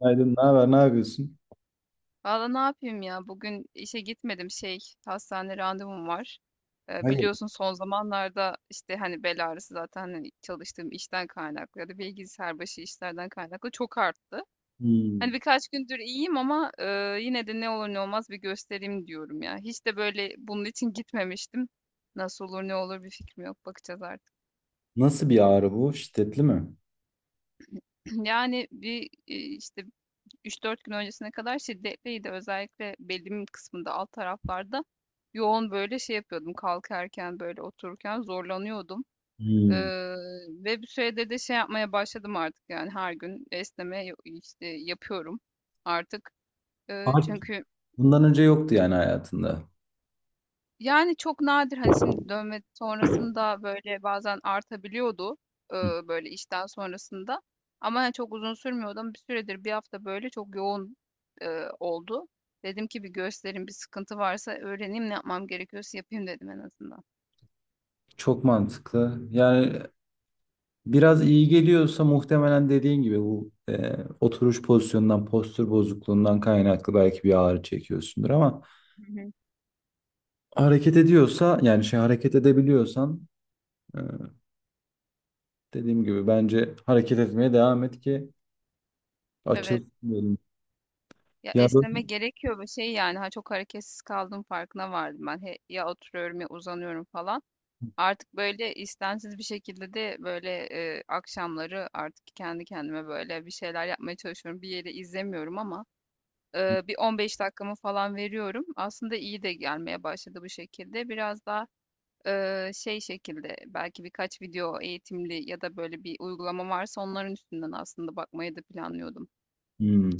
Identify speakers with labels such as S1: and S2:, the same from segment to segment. S1: Günaydın, ne haber, ne yapıyorsun?
S2: Valla ne yapayım ya? Bugün işe gitmedim, şey, hastane randevum var.
S1: Hayır.
S2: Biliyorsun son zamanlarda işte hani bel ağrısı zaten hani çalıştığım işten kaynaklı ya da bilgisayar başı işlerden kaynaklı çok arttı.
S1: Hmm.
S2: Hani birkaç gündür iyiyim ama yine de ne olur ne olmaz bir göstereyim diyorum ya. Hiç de böyle bunun için gitmemiştim. Nasıl olur ne olur bir fikrim yok, bakacağız artık.
S1: Nasıl bir ağrı bu? Şiddetli mi?
S2: Yani bir işte üç dört gün öncesine kadar şiddetliydi. Özellikle belimin kısmında alt taraflarda yoğun böyle şey yapıyordum. Kalkarken böyle, otururken zorlanıyordum. Ee,
S1: Hmm.
S2: Ve bir süredir de şey yapmaya başladım artık, yani her gün esneme işte yapıyorum artık.
S1: Artık
S2: Çünkü
S1: bundan önce yoktu yani hayatında.
S2: Yani çok nadir, hani, şimdi dövme sonrasında böyle bazen artabiliyordu, böyle işten sonrasında, ama hani çok uzun sürmüyordu. Ama bir süredir, bir hafta, böyle çok yoğun oldu. Dedim ki bir göstereyim, bir sıkıntı varsa öğreneyim, ne yapmam gerekiyorsa yapayım dedim en azından.
S1: Çok mantıklı. Yani biraz iyi geliyorsa muhtemelen dediğin gibi bu oturuş pozisyonundan, postür bozukluğundan kaynaklı belki bir ağrı çekiyorsundur ama
S2: Hı hı.
S1: hareket ediyorsa yani şey hareket edebiliyorsan e, dediğim gibi bence hareket etmeye devam et ki
S2: Evet,
S1: açılsın, diyelim.
S2: ya,
S1: Ya böyle.
S2: esneme gerekiyor ve şey, yani, ha, çok hareketsiz kaldığım farkına vardım ben. He, ya oturuyorum ya uzanıyorum falan. Artık böyle istensiz bir şekilde de böyle akşamları artık kendi kendime böyle bir şeyler yapmaya çalışıyorum. Bir yeri izlemiyorum ama bir 15 dakikamı falan veriyorum. Aslında iyi de gelmeye başladı bu şekilde. Biraz daha şey şekilde belki birkaç video eğitimli ya da böyle bir uygulama varsa onların üstünden aslında bakmayı da planlıyordum.
S1: Hmm.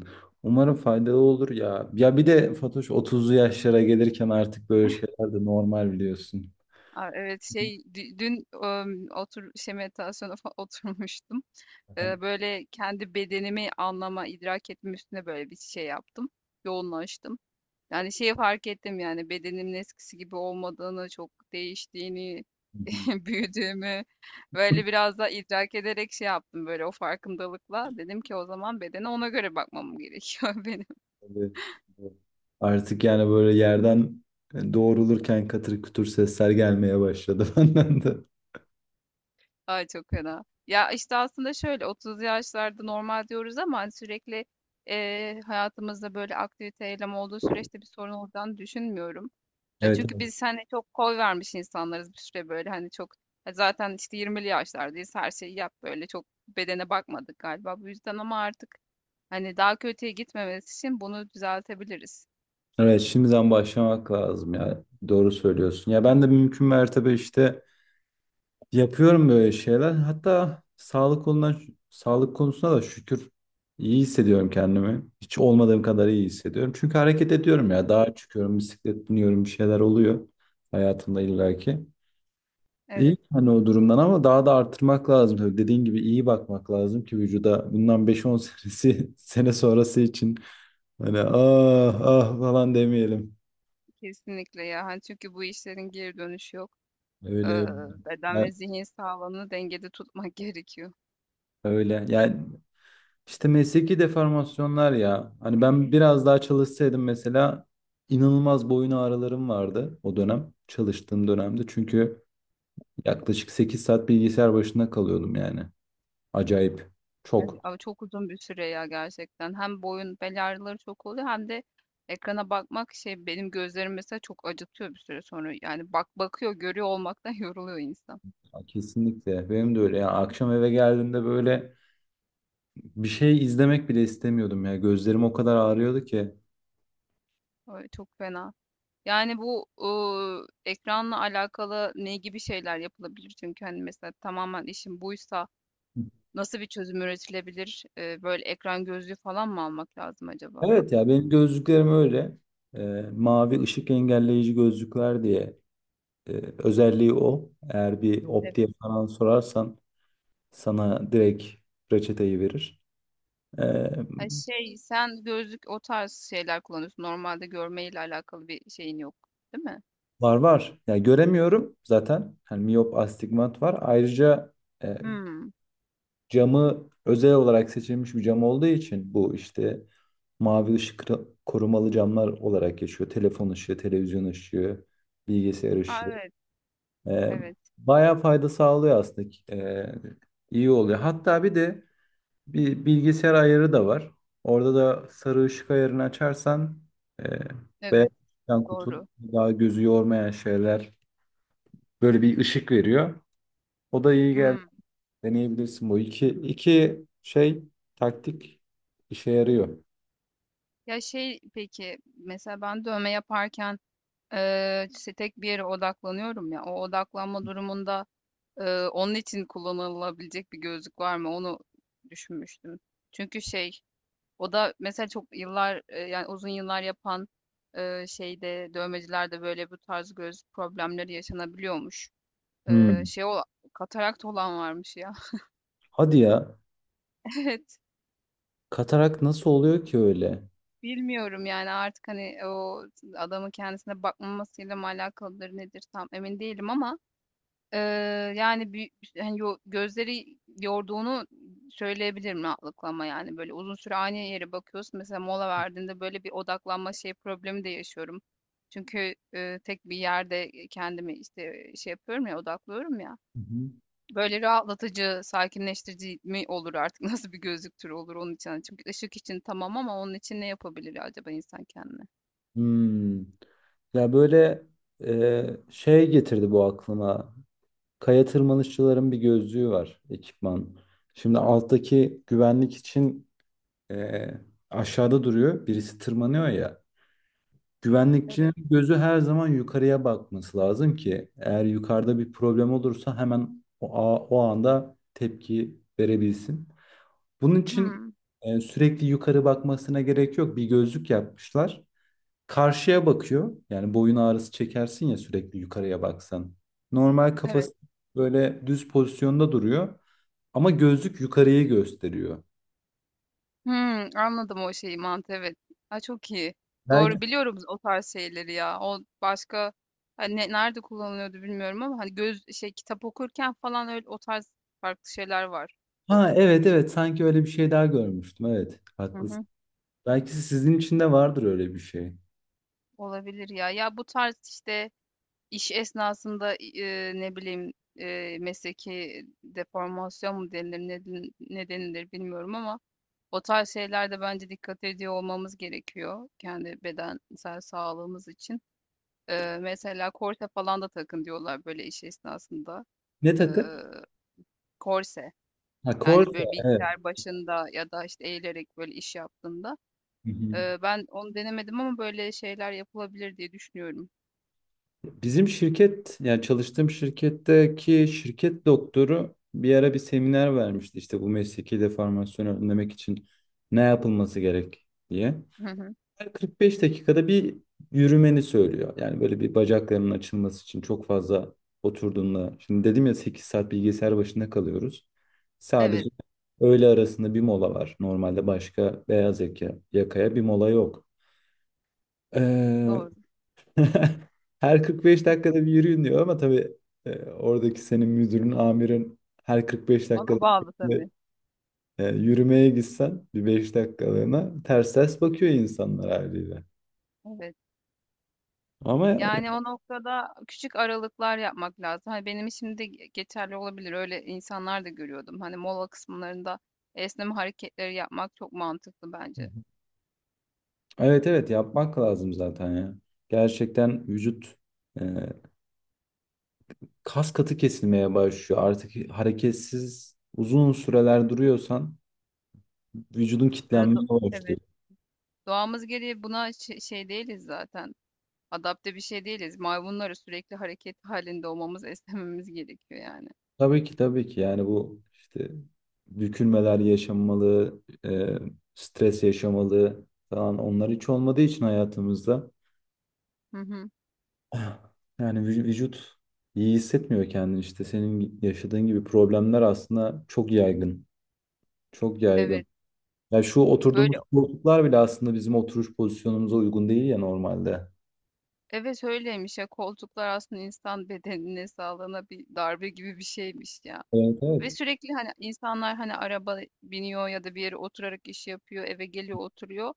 S1: Umarım faydalı olur ya. Ya bir de Fatoş 30'lu yaşlara gelirken artık böyle şeyler de normal biliyorsun.
S2: Aa, evet şey dün otur şey meditasyona oturmuştum. Böyle kendi bedenimi anlama, idrak etme üstüne böyle bir şey yaptım. Yoğunlaştım. Yani şeyi fark ettim, yani bedenimin eskisi gibi olmadığını, çok değiştiğini, büyüdüğümü böyle biraz da idrak ederek şey yaptım böyle o farkındalıkla. Dedim ki o zaman bedene ona göre bakmam gerekiyor benim.
S1: Evet. Artık yani böyle yerden doğrulurken katır kütür sesler gelmeye başladı benden de.
S2: Ay çok fena. Ya işte aslında şöyle 30 yaşlarda normal diyoruz ama hani sürekli hayatımızda böyle aktivite eylem olduğu süreçte bir sorun olacağını düşünmüyorum. E,
S1: Evet,
S2: çünkü
S1: evet.
S2: biz hani çok koy vermiş insanlarız bir süre, böyle hani çok zaten işte 20'li yaşlardayız, her şeyi yap böyle çok bedene bakmadık galiba bu yüzden ama artık hani daha kötüye gitmemesi için bunu düzeltebiliriz.
S1: Evet, şimdiden başlamak lazım ya. Doğru söylüyorsun. Ya ben de mümkün mertebe işte yapıyorum böyle şeyler. Hatta sağlık konudan, sağlık konusuna da şükür iyi hissediyorum kendimi. Hiç olmadığım kadar iyi hissediyorum. Çünkü hareket ediyorum ya.
S2: Çok iyi.
S1: Dağa çıkıyorum, bisiklet biniyorum, bir şeyler oluyor hayatımda illaki. İyi
S2: Evet,
S1: hani o durumdan ama daha da artırmak lazım. Tabii dediğin gibi iyi bakmak lazım ki vücuda bundan beş on senesi, sene sonrası için hani ah ah falan demeyelim.
S2: kesinlikle ya, hani çünkü bu işlerin geri dönüşü yok. Ee,
S1: Öyle.
S2: Beden
S1: Ya-
S2: ve zihin sağlığını dengede tutmak gerekiyor.
S1: Öyle. Yani İşte mesleki deformasyonlar ya. Hani ben biraz daha çalışsaydım mesela inanılmaz boyun ağrılarım vardı o dönem. Çalıştığım dönemde. Çünkü yaklaşık 8 saat bilgisayar başında kalıyordum yani. Acayip.
S2: Ay,
S1: Çok.
S2: ama çok uzun bir süre ya gerçekten. Hem boyun bel ağrıları çok oluyor hem de ekrana bakmak, şey, benim gözlerim mesela çok acıtıyor bir süre sonra. Yani bak bakıyor görüyor olmaktan yoruluyor insan.
S1: Kesinlikle. Benim de öyle. Yani akşam eve geldiğimde böyle bir şey izlemek bile istemiyordum ya. Gözlerim o kadar ağrıyordu ki.
S2: Öyle, çok fena. Yani bu ekranla alakalı ne gibi şeyler yapılabilir? Çünkü hani mesela tamamen işin buysa nasıl bir çözüm üretilebilir? Böyle ekran gözlüğü falan mı almak lazım acaba?
S1: Evet ya benim gözlüklerim öyle. Mavi ışık engelleyici gözlükler diye. Ee, özelliği o. Eğer bir optiye
S2: Evet.
S1: falan sorarsan sana direkt reçeteyi verir. Ee,
S2: Ha şey, sen gözlük o tarz şeyler kullanıyorsun. Normalde görmeyle alakalı bir şeyin yok, değil mi?
S1: var var. Yani göremiyorum zaten. Yani miyop astigmat var. Ayrıca e,
S2: Hımm.
S1: camı özel olarak seçilmiş bir cam olduğu için bu işte mavi korumalı camlar olarak geçiyor. Telefon ışığı, televizyon ışığı, bilgisayar
S2: A,
S1: ışığı.
S2: evet,
S1: Ee,
S2: evet,
S1: bayağı fayda sağlıyor aslında. İyi oluyor. Hatta bir de bir bilgisayar ayarı da var. Orada da sarı ışık ayarını açarsan e, beyaz
S2: evet,
S1: ışıktan kurtulup
S2: doğru.
S1: daha gözü yormayan şeyler, böyle bir ışık veriyor. O da iyi geldi.
S2: Hımm.
S1: Deneyebilirsin bu. İki iki şey, taktik işe yarıyor.
S2: Ya, şey, peki, mesela ben dövme yaparken işte tek bir yere odaklanıyorum ya, o odaklanma durumunda onun için kullanılabilecek bir gözlük var mı? Onu düşünmüştüm. Çünkü şey, o da mesela çok yıllar, yani uzun yıllar yapan şeyde, dövmecilerde böyle bu tarz göz problemleri yaşanabiliyormuş.
S1: Hmm.
S2: Şey ola katarakt olan varmış ya.
S1: Hadi ya.
S2: Evet.
S1: Katarak nasıl oluyor ki öyle?
S2: Bilmiyorum yani artık hani o adamın kendisine bakmamasıyla mı alakalıdır nedir tam emin değilim ama eee, yani bir, hani gözleri yorduğunu söyleyebilirim rahatlıkla. Yani böyle uzun süre aynı yere bakıyorsun, mesela mola verdiğinde böyle bir odaklanma şey problemi de yaşıyorum. Çünkü tek bir yerde kendimi işte şey yapıyorum ya, odaklıyorum ya.
S1: Hı hı.
S2: Böyle rahatlatıcı, sakinleştirici mi olur artık? Nasıl bir gözlük türü olur onun için? Hani çünkü ışık için tamam, ama onun için ne yapabilir acaba insan kendine?
S1: Hmm. Ya böyle şey getirdi bu aklıma. Kaya tırmanışçıların bir gözlüğü var, ekipman. Şimdi alttaki güvenlik için e, aşağıda duruyor. Birisi tırmanıyor ya. Güvenlikçinin
S2: Evet.
S1: gözü her zaman yukarıya bakması lazım ki eğer yukarıda bir problem olursa hemen o anda tepki verebilsin. Bunun için
S2: Hmm,
S1: sürekli yukarı bakmasına gerek yok. Bir gözlük yapmışlar. Karşıya bakıyor. Yani boyun ağrısı çekersin ya sürekli yukarıya baksan. Normal
S2: evet.
S1: kafası böyle düz pozisyonda duruyor. Ama gözlük yukarıyı gösteriyor.
S2: Hımm, anladım o şeyi, mantığı, evet. Ha, çok iyi.
S1: Belki
S2: Doğru, biliyorum o tarz şeyleri ya. O başka, hani, ne nerede kullanılıyordu bilmiyorum ama hani göz şey, kitap okurken falan öyle o tarz farklı şeyler vardı.
S1: ha evet evet, sanki öyle bir şey daha görmüştüm. Evet
S2: Hı
S1: haklısın.
S2: hı.
S1: Belki sizin için de vardır öyle bir şey.
S2: Olabilir ya. Ya, bu tarz, işte, iş esnasında ne bileyim, mesleki deformasyon mu denilir, ne denilir bilmiyorum ama o tarz şeylerde bence dikkat ediyor olmamız gerekiyor kendi bedensel sağlığımız için. Mesela korse falan da takın diyorlar böyle iş esnasında.
S1: Ne
S2: Eee,
S1: takı?
S2: Korse,
S1: Ha
S2: yani
S1: Corsa
S2: böyle
S1: evet.
S2: bilgisayar başında ya da işte eğilerek böyle iş yaptığında.
S1: Hı hı.
S2: Ben onu denemedim ama böyle şeyler yapılabilir diye düşünüyorum.
S1: Bizim şirket yani çalıştığım şirketteki şirket doktoru bir ara bir seminer vermişti işte bu mesleki deformasyonu önlemek için ne yapılması gerek diye.
S2: Hı hı.
S1: Her 45 dakikada bir yürümeni söylüyor. Yani böyle bir bacaklarının açılması için çok fazla oturduğunda. Şimdi dedim ya 8 saat bilgisayar başında kalıyoruz. Sadece
S2: Evet,
S1: öğle arasında bir mola var. Normalde başka beyaz yaka, yakaya bir mola yok. Ee,
S2: doğru.
S1: her 45 dakikada bir yürüyün diyor ama tabii oradaki senin müdürün, amirin her 45 dakikada
S2: Ona bağlı
S1: bir,
S2: tabii.
S1: yürümeye gitsen bir 5 dakikalığına ters ters bakıyor insanlar haliyle.
S2: Evet.
S1: Ama
S2: Yani o noktada küçük aralıklar yapmak lazım. Hani benim için de geçerli olabilir. Öyle insanlar da görüyordum. Hani mola kısımlarında esneme hareketleri yapmak çok mantıklı bence.
S1: evet evet, yapmak lazım zaten ya. Gerçekten vücut e, kas katı kesilmeye başlıyor. Artık hareketsiz uzun süreler duruyorsan vücudun Hı.
S2: Eee, do-
S1: kitlenmeye başlıyor.
S2: evet. Doğamız gereği buna şey değiliz zaten. Adapte bir şey değiliz. Maymunları sürekli hareket halinde olmamız, esnememiz gerekiyor yani.
S1: Tabii ki tabii ki yani bu işte bükülmeler yaşanmalı, e, stres yaşamalı falan, onlar hiç olmadığı için hayatımızda
S2: Hı hı.
S1: yani vücut iyi hissetmiyor kendini, işte senin yaşadığın gibi problemler aslında çok yaygın. Çok yaygın.
S2: Evet.
S1: Ya şu
S2: Ya
S1: oturduğumuz
S2: böyle,
S1: koltuklar bile aslında bizim oturuş pozisyonumuza uygun değil ya normalde.
S2: evet, öyleymiş ya, koltuklar aslında insan bedenine, sağlığına bir darbe gibi bir şeymiş ya.
S1: Evet
S2: Ve
S1: evet.
S2: sürekli hani insanlar hani araba biniyor ya da bir yere oturarak iş yapıyor, eve geliyor, oturuyor.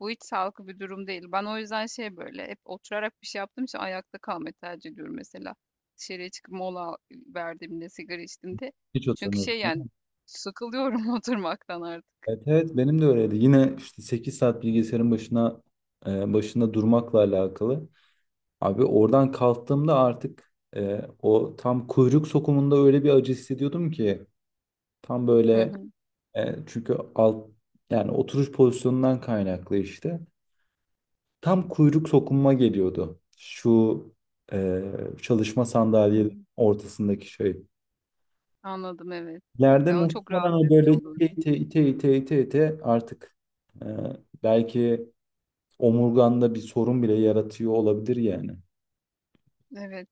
S2: Bu hiç sağlıklı bir durum değil. Ben o yüzden şey, böyle hep oturarak bir şey yaptığım için ayakta kalmayı tercih ediyorum mesela. Dışarıya çıkıp mola verdiğimde, sigara içtiğimde.
S1: Hiç
S2: Çünkü
S1: oturmuyorsun,
S2: şey,
S1: değil
S2: yani
S1: mi?
S2: sıkılıyorum oturmaktan artık.
S1: Evet evet benim de öyleydi. Yine işte 8 saat başında durmakla alakalı. Abi oradan kalktığımda artık o tam kuyruk sokumunda öyle bir acı hissediyordum ki tam
S2: Hı
S1: böyle
S2: hı.
S1: çünkü alt yani oturuş pozisyonundan kaynaklı işte. Tam kuyruk sokunma geliyordu. Şu e, çalışma sandalyenin
S2: Hmm,
S1: ortasındaki şey.
S2: anladım, evet.
S1: Yerde
S2: Ya o çok
S1: muhtemelen
S2: rahatsız
S1: o böyle
S2: edici
S1: ite
S2: olurdu.
S1: ite ite ite ite ite artık e, belki omurganda bir sorun bile yaratıyor olabilir yani.
S2: Evet.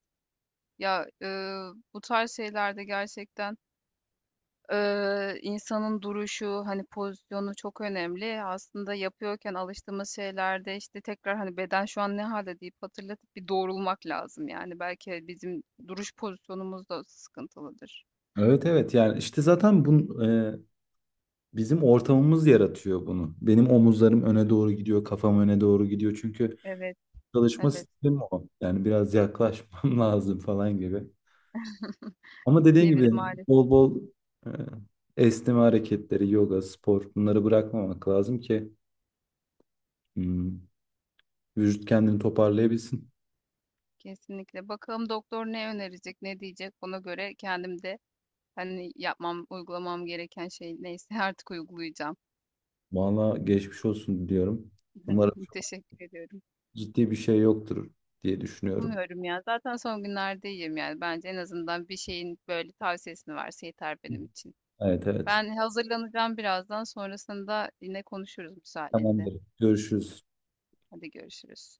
S2: Ya, bu tarz şeylerde gerçekten insanın duruşu, hani, pozisyonu çok önemli. Aslında yapıyorken alıştığımız şeylerde, işte, tekrar, hani, "Beden şu an ne halde deyip hatırlatıp bir doğrulmak lazım, yani. Belki bizim duruş pozisyonumuz da sıkıntılıdır.
S1: Evet evet yani işte zaten bu e, Bizim ortamımız yaratıyor bunu. Benim omuzlarım öne doğru gidiyor, kafam öne doğru gidiyor. Çünkü
S2: Evet,
S1: çalışma
S2: evet.
S1: stilim o. Yani biraz yaklaşmam lazım falan gibi. Ama dediğin
S2: Evet,
S1: gibi
S2: maalesef,
S1: bol bol e, esneme hareketleri, yoga, spor, bunları bırakmamak lazım ki hmm, vücut kendini toparlayabilsin.
S2: kesinlikle. Bakalım doktor ne önerecek, ne diyecek? Ona göre kendim de, hani, yapmam, uygulamam gereken şey neyse artık uygulayacağım.
S1: Valla geçmiş olsun diyorum. Umarım çok
S2: Teşekkür ediyorum.
S1: ciddi bir şey yoktur diye düşünüyorum.
S2: Umuyorum ya. Zaten son günlerde iyiyim yani. Bence en azından bir şeyin böyle tavsiyesini verse yeter benim için.
S1: Evet evet.
S2: Ben hazırlanacağım birazdan. Sonrasında yine konuşuruz müsaadenle.
S1: Tamamdır. Görüşürüz.
S2: Hadi görüşürüz.